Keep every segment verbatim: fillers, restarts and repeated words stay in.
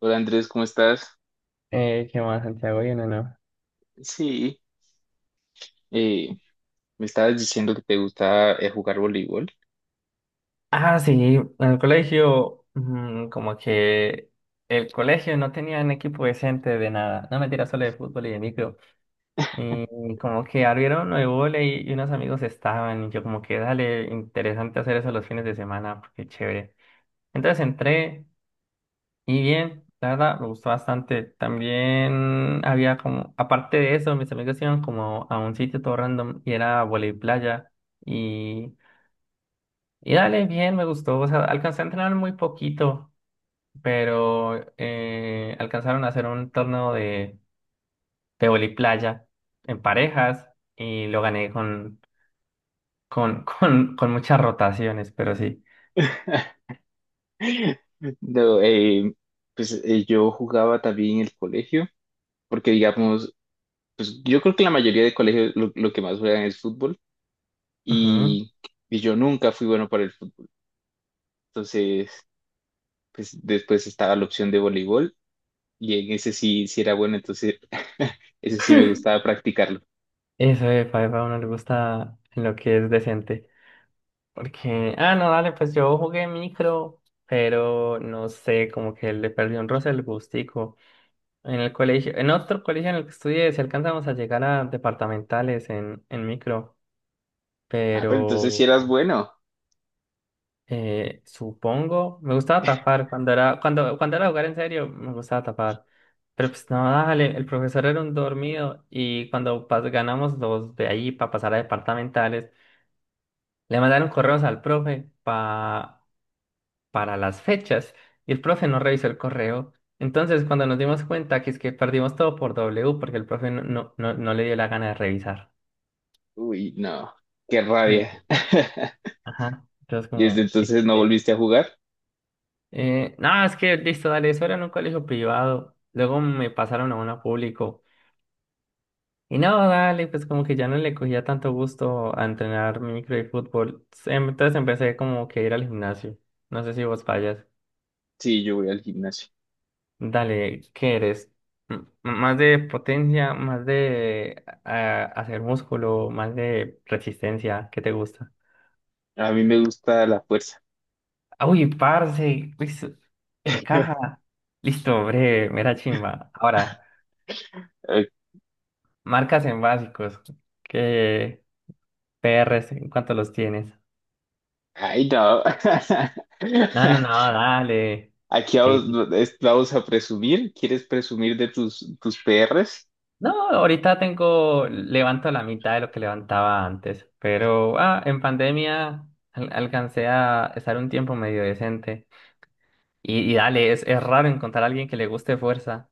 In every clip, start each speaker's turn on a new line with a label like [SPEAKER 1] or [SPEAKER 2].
[SPEAKER 1] Hola Andrés, ¿cómo estás?
[SPEAKER 2] Eh, ¿qué más, Santiago? Bien o no.
[SPEAKER 1] Sí, eh, me estabas diciendo que te gusta eh, jugar voleibol.
[SPEAKER 2] Ah, sí, en el colegio, mm, como que el colegio no tenía un equipo decente de nada. No mentira, solo de fútbol y de micro. Y como que abrieron de volei y unos amigos estaban. Y yo, como que dale, interesante hacer eso los fines de semana, porque chévere. Entonces entré y bien, la verdad, me gustó bastante. También había como, aparte de eso, mis amigos iban como a un sitio todo random y era volei playa. Y dale, bien, me gustó. O sea, alcancé a entrenar muy poquito, pero eh, alcanzaron a hacer un torneo de, de voliplaya en parejas y lo gané con, con, con, con muchas rotaciones, pero sí.
[SPEAKER 1] No, eh, pues eh, yo jugaba también en el colegio, porque digamos, pues yo creo que la mayoría de colegios lo, lo que más juegan es fútbol
[SPEAKER 2] Ujú.
[SPEAKER 1] y, y yo nunca fui bueno para el fútbol. Entonces, pues después estaba la opción de voleibol y en ese sí, sí era bueno, entonces ese sí me gustaba practicarlo.
[SPEAKER 2] Eso de Five a uno le gusta en lo que es decente. Porque, ah, no, dale, pues yo jugué micro, pero no sé, como que le perdí un roce el gustico. En el colegio, en otro colegio en el que estudié, si alcanzamos a llegar a departamentales en, en micro,
[SPEAKER 1] Ah, pero entonces si eras
[SPEAKER 2] pero
[SPEAKER 1] bueno.
[SPEAKER 2] eh, supongo, me gustaba tapar cuando era, cuando, cuando era jugar en serio, me gustaba tapar. Pero pues no, dale, el profesor era un dormido y cuando pas- ganamos los de ahí para pasar a departamentales, le mandaron correos al profe para para las fechas y el profe no revisó el correo. Entonces, cuando nos dimos cuenta que es que perdimos todo por W porque el profe no, no, no, no le dio la gana de revisar.
[SPEAKER 1] Uy, no, qué
[SPEAKER 2] Sí,
[SPEAKER 1] rabia.
[SPEAKER 2] ajá. Entonces,
[SPEAKER 1] ¿Y desde
[SPEAKER 2] como
[SPEAKER 1] entonces no
[SPEAKER 2] equis de.
[SPEAKER 1] volviste a jugar?
[SPEAKER 2] Eh, no, es que listo, dale, eso era en un colegio privado. Luego me pasaron a uno público. Y no, dale, pues como que ya no le cogía tanto gusto a entrenar micro y fútbol. Em, Entonces empecé como que a ir al gimnasio. No sé si vos fallas.
[SPEAKER 1] Sí, yo voy al gimnasio.
[SPEAKER 2] Dale, ¿qué eres? M- ¿Más de potencia, más de ah, hacer músculo, más de resistencia? ¿Qué te gusta?
[SPEAKER 1] A mí me gusta la fuerza.
[SPEAKER 2] Ah, uy, parce, uy, qué caja. Listo, breve, mera chimba. Ahora, marcas en básicos. ¿Qué P Rs? ¿En cuánto los tienes?
[SPEAKER 1] Ay, no.
[SPEAKER 2] No, no, no, dale.
[SPEAKER 1] Aquí
[SPEAKER 2] Sí,
[SPEAKER 1] vamos, es- vamos a presumir. ¿Quieres presumir de tus, tus P Rs?
[SPEAKER 2] no, ahorita tengo, levanto la mitad de lo que levantaba antes, pero ah, en pandemia al- alcancé a estar un tiempo medio decente. Y, y dale, es, es raro encontrar a alguien que le guste fuerza.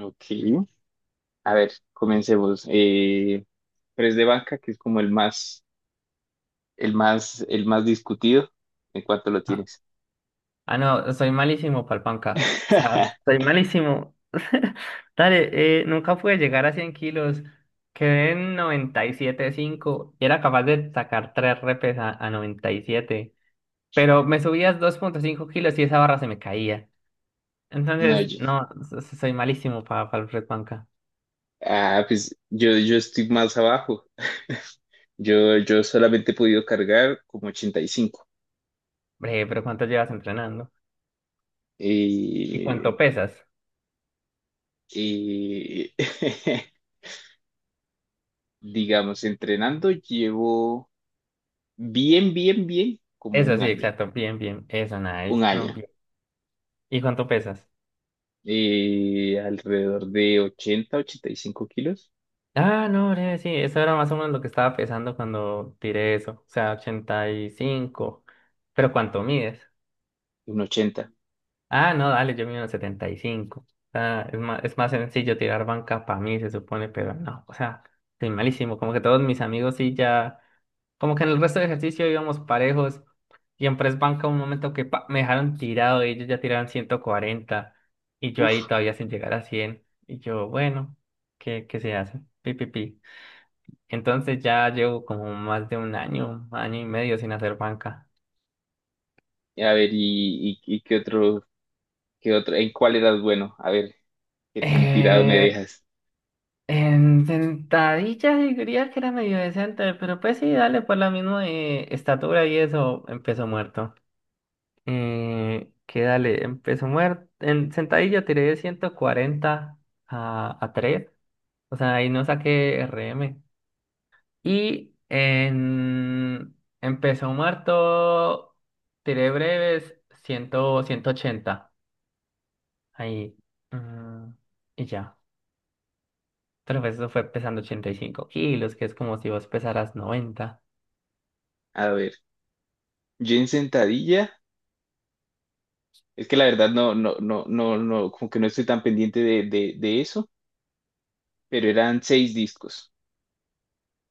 [SPEAKER 1] Ok. A ver, comencemos. Eh, press de banca, que es como el más, el más, el más discutido. ¿En cuánto lo
[SPEAKER 2] Ah,
[SPEAKER 1] tienes?
[SPEAKER 2] ah, no, soy malísimo pa'l panca. O sea, soy malísimo. Dale, eh, nunca pude llegar a cien kilos. Quedé en noventa y siete punto cinco y era capaz de sacar tres repes a, a noventa y siete. Pero me subías dos punto cinco kilos y esa barra se me caía.
[SPEAKER 1] No,
[SPEAKER 2] Entonces,
[SPEAKER 1] yo.
[SPEAKER 2] no, so- so- soy malísimo para el press banca.
[SPEAKER 1] Ah, pues yo, yo estoy más abajo. Yo, yo solamente he podido cargar como ochenta y cinco.
[SPEAKER 2] Bre, pero ¿cuánto llevas entrenando? ¿Y
[SPEAKER 1] Eh,
[SPEAKER 2] cuánto pesas?
[SPEAKER 1] eh, digamos, entrenando llevo bien, bien, bien como
[SPEAKER 2] Eso
[SPEAKER 1] un
[SPEAKER 2] sí,
[SPEAKER 1] año,
[SPEAKER 2] exacto. Bien, bien. Eso,
[SPEAKER 1] un
[SPEAKER 2] nice. No,
[SPEAKER 1] año.
[SPEAKER 2] bien. ¿Y cuánto pesas?
[SPEAKER 1] Eh, alrededor de ochenta ochenta y cinco kilos.
[SPEAKER 2] Ah, no, bre, sí, eso era más o menos lo que estaba pesando cuando tiré eso. O sea, ochenta y cinco. ¿Pero cuánto mides?
[SPEAKER 1] Un ochenta.
[SPEAKER 2] Ah, no, dale, yo mido setenta y cinco. O sea, es más, es más sencillo tirar banca para mí, se supone, pero no. O sea, soy malísimo. Como que todos mis amigos sí ya. Como que en el resto de ejercicio íbamos parejos y en press banca un momento que pa, me dejaron tirado y ellos ya tiraron ciento cuarenta y yo ahí
[SPEAKER 1] Uf,
[SPEAKER 2] todavía sin llegar a cien y yo, bueno, ¿qué, qué se hace? Pi, pi, pi. Entonces ya llevo como más de un año, año y medio sin hacer banca.
[SPEAKER 1] a ver, y, y, y qué otro, qué otro, en cuál edad, bueno, a ver, qué tan tirado me
[SPEAKER 2] Eh,
[SPEAKER 1] dejas.
[SPEAKER 2] en sentadillas diría que era medio decente, pero pues sí, dale, por la misma eh, estatura y eso empezó muerto. Eh, que dale, empezó muerto. En sentadilla tiré de cuarenta a, a tres. O sea, ahí no saqué R M. Y en, empezó muerto, tiré breves cien, ciento ochenta. Ahí, mm, y ya. Pero pues eso fue pesando ochenta y cinco kilos, que es como si vos pesaras noventa.
[SPEAKER 1] A ver, yo en sentadilla, es que la verdad no, no, no, no, no, como que no estoy tan pendiente de, de, de eso, pero eran seis discos,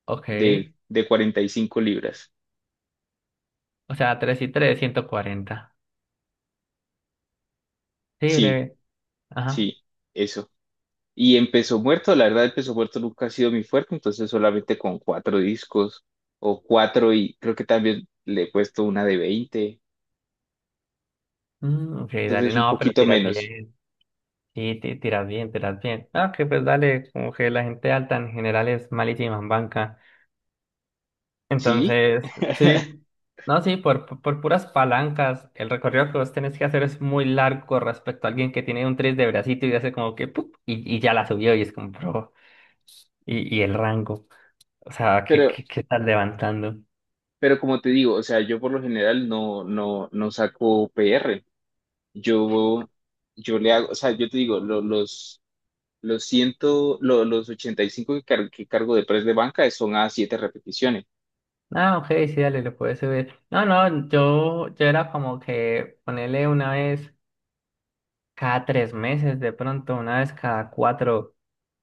[SPEAKER 2] Ok.
[SPEAKER 1] de, de cuarenta y cinco libras.
[SPEAKER 2] O sea, tres y tres, ciento cuarenta. Sí,
[SPEAKER 1] Sí,
[SPEAKER 2] breve. Ajá.
[SPEAKER 1] sí, eso. Y en peso muerto, la verdad, el peso muerto nunca ha sido mi fuerte, entonces solamente con cuatro discos o cuatro y creo que también le he puesto una de veinte,
[SPEAKER 2] Mm, ok, dale.
[SPEAKER 1] entonces un
[SPEAKER 2] No, pero
[SPEAKER 1] poquito
[SPEAKER 2] tiras
[SPEAKER 1] menos.
[SPEAKER 2] bien. Sí, ti- tiras bien, tiras bien. Ah, que pues dale, como que la gente alta en general es malísima en banca.
[SPEAKER 1] Sí,
[SPEAKER 2] Entonces, sí, no, sí, por, por por puras palancas, el recorrido que vos tenés que hacer es muy largo respecto a alguien que tiene un tres de bracito y hace como que, ¡pup! Y, y ya la subió y es como, bro, y, y el rango. O sea, ¿qué,
[SPEAKER 1] pero,
[SPEAKER 2] qué, qué estás levantando?
[SPEAKER 1] pero como te digo, o sea, yo por lo general no, no, no saco P R. Yo, yo le hago, o sea, yo te digo, lo- los, los ciento, lo- los ochenta y cinco que, car- que cargo de press de banca son a siete repeticiones.
[SPEAKER 2] Ah, ok, sí, dale, lo puedes subir. No, no, yo, yo era como que ponerle una vez, cada tres meses, de pronto, una vez cada cuatro,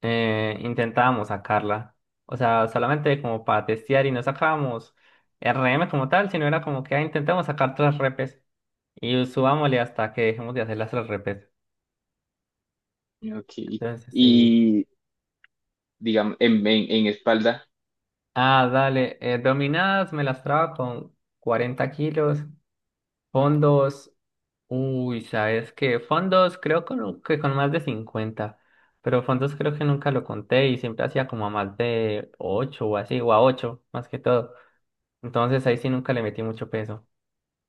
[SPEAKER 2] eh, intentábamos sacarla. O sea, solamente como para testear y no sacábamos R M como tal, sino era como que ah, intentamos sacar tres repes y subámosle hasta que dejemos de hacer las tres repes.
[SPEAKER 1] Ok.
[SPEAKER 2] Entonces, sí.
[SPEAKER 1] Y, digamos, en, en, en espalda,
[SPEAKER 2] Ah, dale. Eh, dominadas me las traba con cuarenta kilos. Fondos. Uy, ¿sabes qué? Fondos creo con- que con más de cincuenta, pero fondos creo que nunca lo conté y siempre hacía como a más de ocho o así, o a ocho más que todo. Entonces ahí sí nunca le metí mucho peso.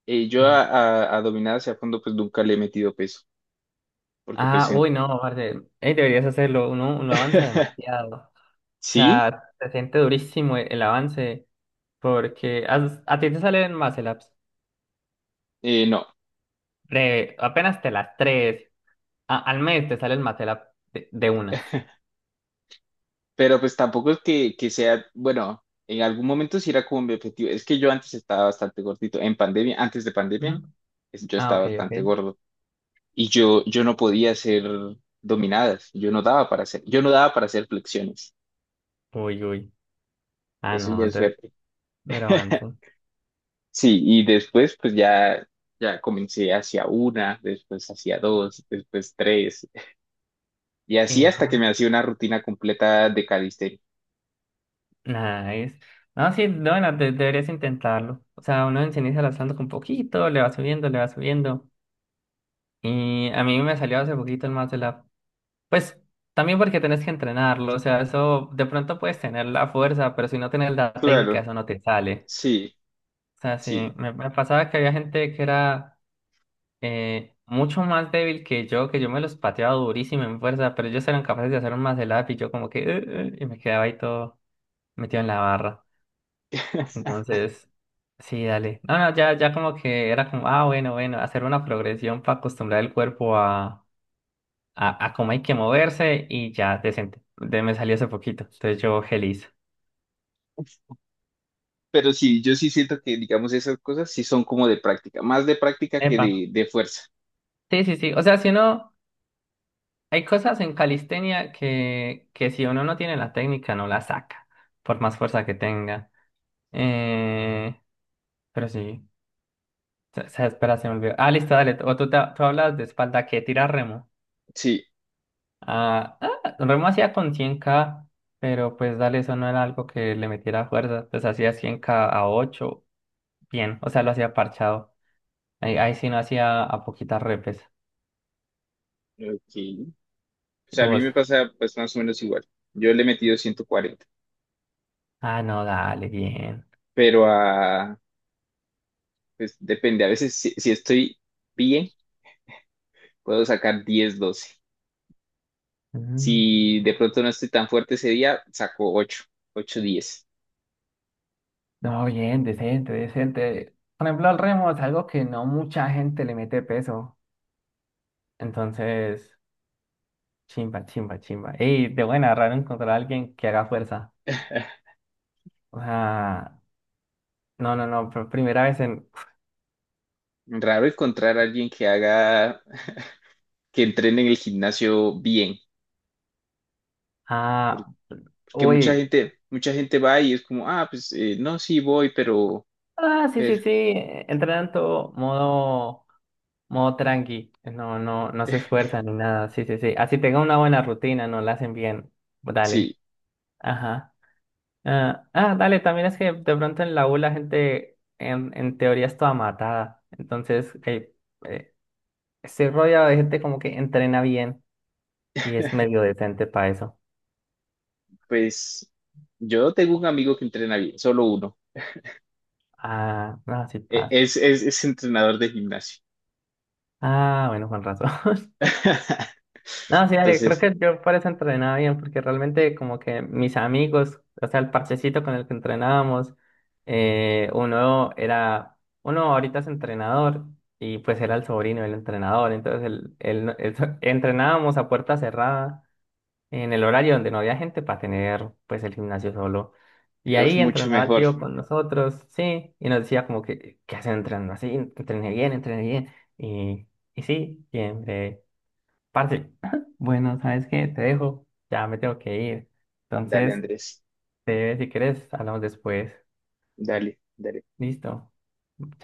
[SPEAKER 1] eh, yo
[SPEAKER 2] Mm.
[SPEAKER 1] a, a, a dominada hacia fondo, pues nunca le he metido peso, porque pues
[SPEAKER 2] Ah,
[SPEAKER 1] en-
[SPEAKER 2] uy, no, parce, ey, deberías hacerlo, uno, uno avanza demasiado. O
[SPEAKER 1] sí,
[SPEAKER 2] sea, se siente durísimo el, el avance porque has- a, ti te salen Matlabs,
[SPEAKER 1] eh, no,
[SPEAKER 2] breve, apenas te las tres, a- al mes te sale el Matlab de, de unas.
[SPEAKER 1] pero pues tampoco es que, que sea, bueno, en algún momento sí era como mi objetivo, es que yo antes estaba bastante gordito, en pandemia, antes de
[SPEAKER 2] Ujú.
[SPEAKER 1] pandemia, es- yo
[SPEAKER 2] Ah,
[SPEAKER 1] estaba
[SPEAKER 2] ok, ok.
[SPEAKER 1] bastante gordo y yo, yo no podía hacer dominadas, yo no daba para hacer, yo no daba para hacer flexiones,
[SPEAKER 2] Uy, uy. Ah,
[SPEAKER 1] eso
[SPEAKER 2] no,
[SPEAKER 1] ya es
[SPEAKER 2] entonces
[SPEAKER 1] suerte.
[SPEAKER 2] me lo avanzo.
[SPEAKER 1] Sí, y después pues ya, ya comencé hacia una, después hacia dos, después tres, y así hasta que me
[SPEAKER 2] Hija,
[SPEAKER 1] hacía una rutina completa de calistenia.
[SPEAKER 2] nada, es. No, sí, no, bueno, de- deberías intentarlo. O sea, uno se inicia lanzando con poquito, le va subiendo, le va subiendo. Y a mí me salió hace poquito el más de la. Pues también porque tenés que entrenarlo. O sea, eso de pronto puedes tener la fuerza, pero si no tienes la técnica,
[SPEAKER 1] Claro,
[SPEAKER 2] eso no te sale.
[SPEAKER 1] sí,
[SPEAKER 2] O sea, sí,
[SPEAKER 1] sí.
[SPEAKER 2] me, me pasaba que había gente que era eh, mucho más débil que yo, que yo me los pateaba durísimo en fuerza, pero ellos eran capaces de hacer un más de lap y yo como que eh, eh, y me quedaba ahí todo metido en la barra. Entonces, sí, dale. No, no, ya, ya como que era como, ah, bueno, bueno, hacer una progresión para acostumbrar el cuerpo a, a, a cómo hay que moverse y ya, decente. De, me salió hace poquito, entonces yo feliz.
[SPEAKER 1] Pero sí, yo sí siento que, digamos, esas cosas sí son como de práctica, más de práctica que
[SPEAKER 2] Epa.
[SPEAKER 1] de, de fuerza.
[SPEAKER 2] Sí, sí, sí. O sea, si uno, hay cosas en calistenia que, que si uno no tiene la técnica, no la saca, por más fuerza que tenga. Eh, pero sí, se, se- espera, se me olvidó. Ah, listo, dale. O tú, te- tú hablas de espalda, que tira remo.
[SPEAKER 1] Sí,
[SPEAKER 2] Ah, ah, Remo hacía con cien kilos, pero pues dale, eso no era algo que le metiera fuerza. Pues hacía cien kilos a ocho bien, o sea, lo hacía parchado. Ahí, ahí sí no hacía a poquitas repes.
[SPEAKER 1] ok. O
[SPEAKER 2] Y
[SPEAKER 1] sea, a mí
[SPEAKER 2] vos,
[SPEAKER 1] me pasa pues más o menos igual. Yo le he metido ciento cuarenta,
[SPEAKER 2] ah, no, dale, bien.
[SPEAKER 1] pero a, pues depende, a veces si, si estoy bien, puedo sacar diez doce.
[SPEAKER 2] Mm,
[SPEAKER 1] Si de pronto no estoy tan fuerte ese día, saco ocho ocho diez.
[SPEAKER 2] no, bien, decente, decente. Por ejemplo, al Remo es algo que no mucha gente le mete peso. Entonces, chimba, chimba, chimba. Ey, de buena, raro encontrar a alguien que haga fuerza. O sea, no, no, no, pr- primera vez en,
[SPEAKER 1] Raro encontrar a alguien que haga, que entrene en el gimnasio bien, por-
[SPEAKER 2] ah,
[SPEAKER 1] porque mucha
[SPEAKER 2] uy.
[SPEAKER 1] gente, mucha gente va y es como, ah, pues eh, no, sí voy, pero,
[SPEAKER 2] Ah, sí, sí,
[SPEAKER 1] pero,
[SPEAKER 2] sí. Entrenan todo modo, modo tranqui. No, no, no se esfuerzan ni nada. Sí, sí, sí. Así tenga una buena rutina, no la hacen bien. Dale.
[SPEAKER 1] sí,
[SPEAKER 2] Ajá. Ah, ah, dale, también es que de pronto en la U la gente en, en teoría es toda matada. Entonces, eh, eh, estoy rodeado de gente como que entrena bien y es medio decente para eso.
[SPEAKER 1] pues yo tengo un amigo que entrena bien, solo uno.
[SPEAKER 2] Ah, no, sí
[SPEAKER 1] E-
[SPEAKER 2] pasa.
[SPEAKER 1] es, es, es entrenador de gimnasio.
[SPEAKER 2] Ah, bueno, con razón. No, sí, dale, creo
[SPEAKER 1] Entonces,
[SPEAKER 2] que yo por eso entrenaba bien, porque realmente como que mis amigos, o sea, el parchecito con el que entrenábamos, eh, uno era, uno ahorita es entrenador y pues era el sobrino del entrenador, entonces el, el, el so- entrenábamos a puerta cerrada en el horario donde no había gente para tener pues el gimnasio solo. Y
[SPEAKER 1] es
[SPEAKER 2] ahí
[SPEAKER 1] mucho
[SPEAKER 2] entrenaba el
[SPEAKER 1] mejor.
[SPEAKER 2] tío con nosotros, sí, y nos decía como que, ¿qué hacen entrenando así? Entrené bien, entrené bien. Y, y sí, siempre. Parce, bueno, ¿sabes qué? Te dejo, ya me tengo que ir.
[SPEAKER 1] Dale,
[SPEAKER 2] Entonces,
[SPEAKER 1] Andrés,
[SPEAKER 2] te, si quieres, hablamos después.
[SPEAKER 1] dale, dale.
[SPEAKER 2] Listo.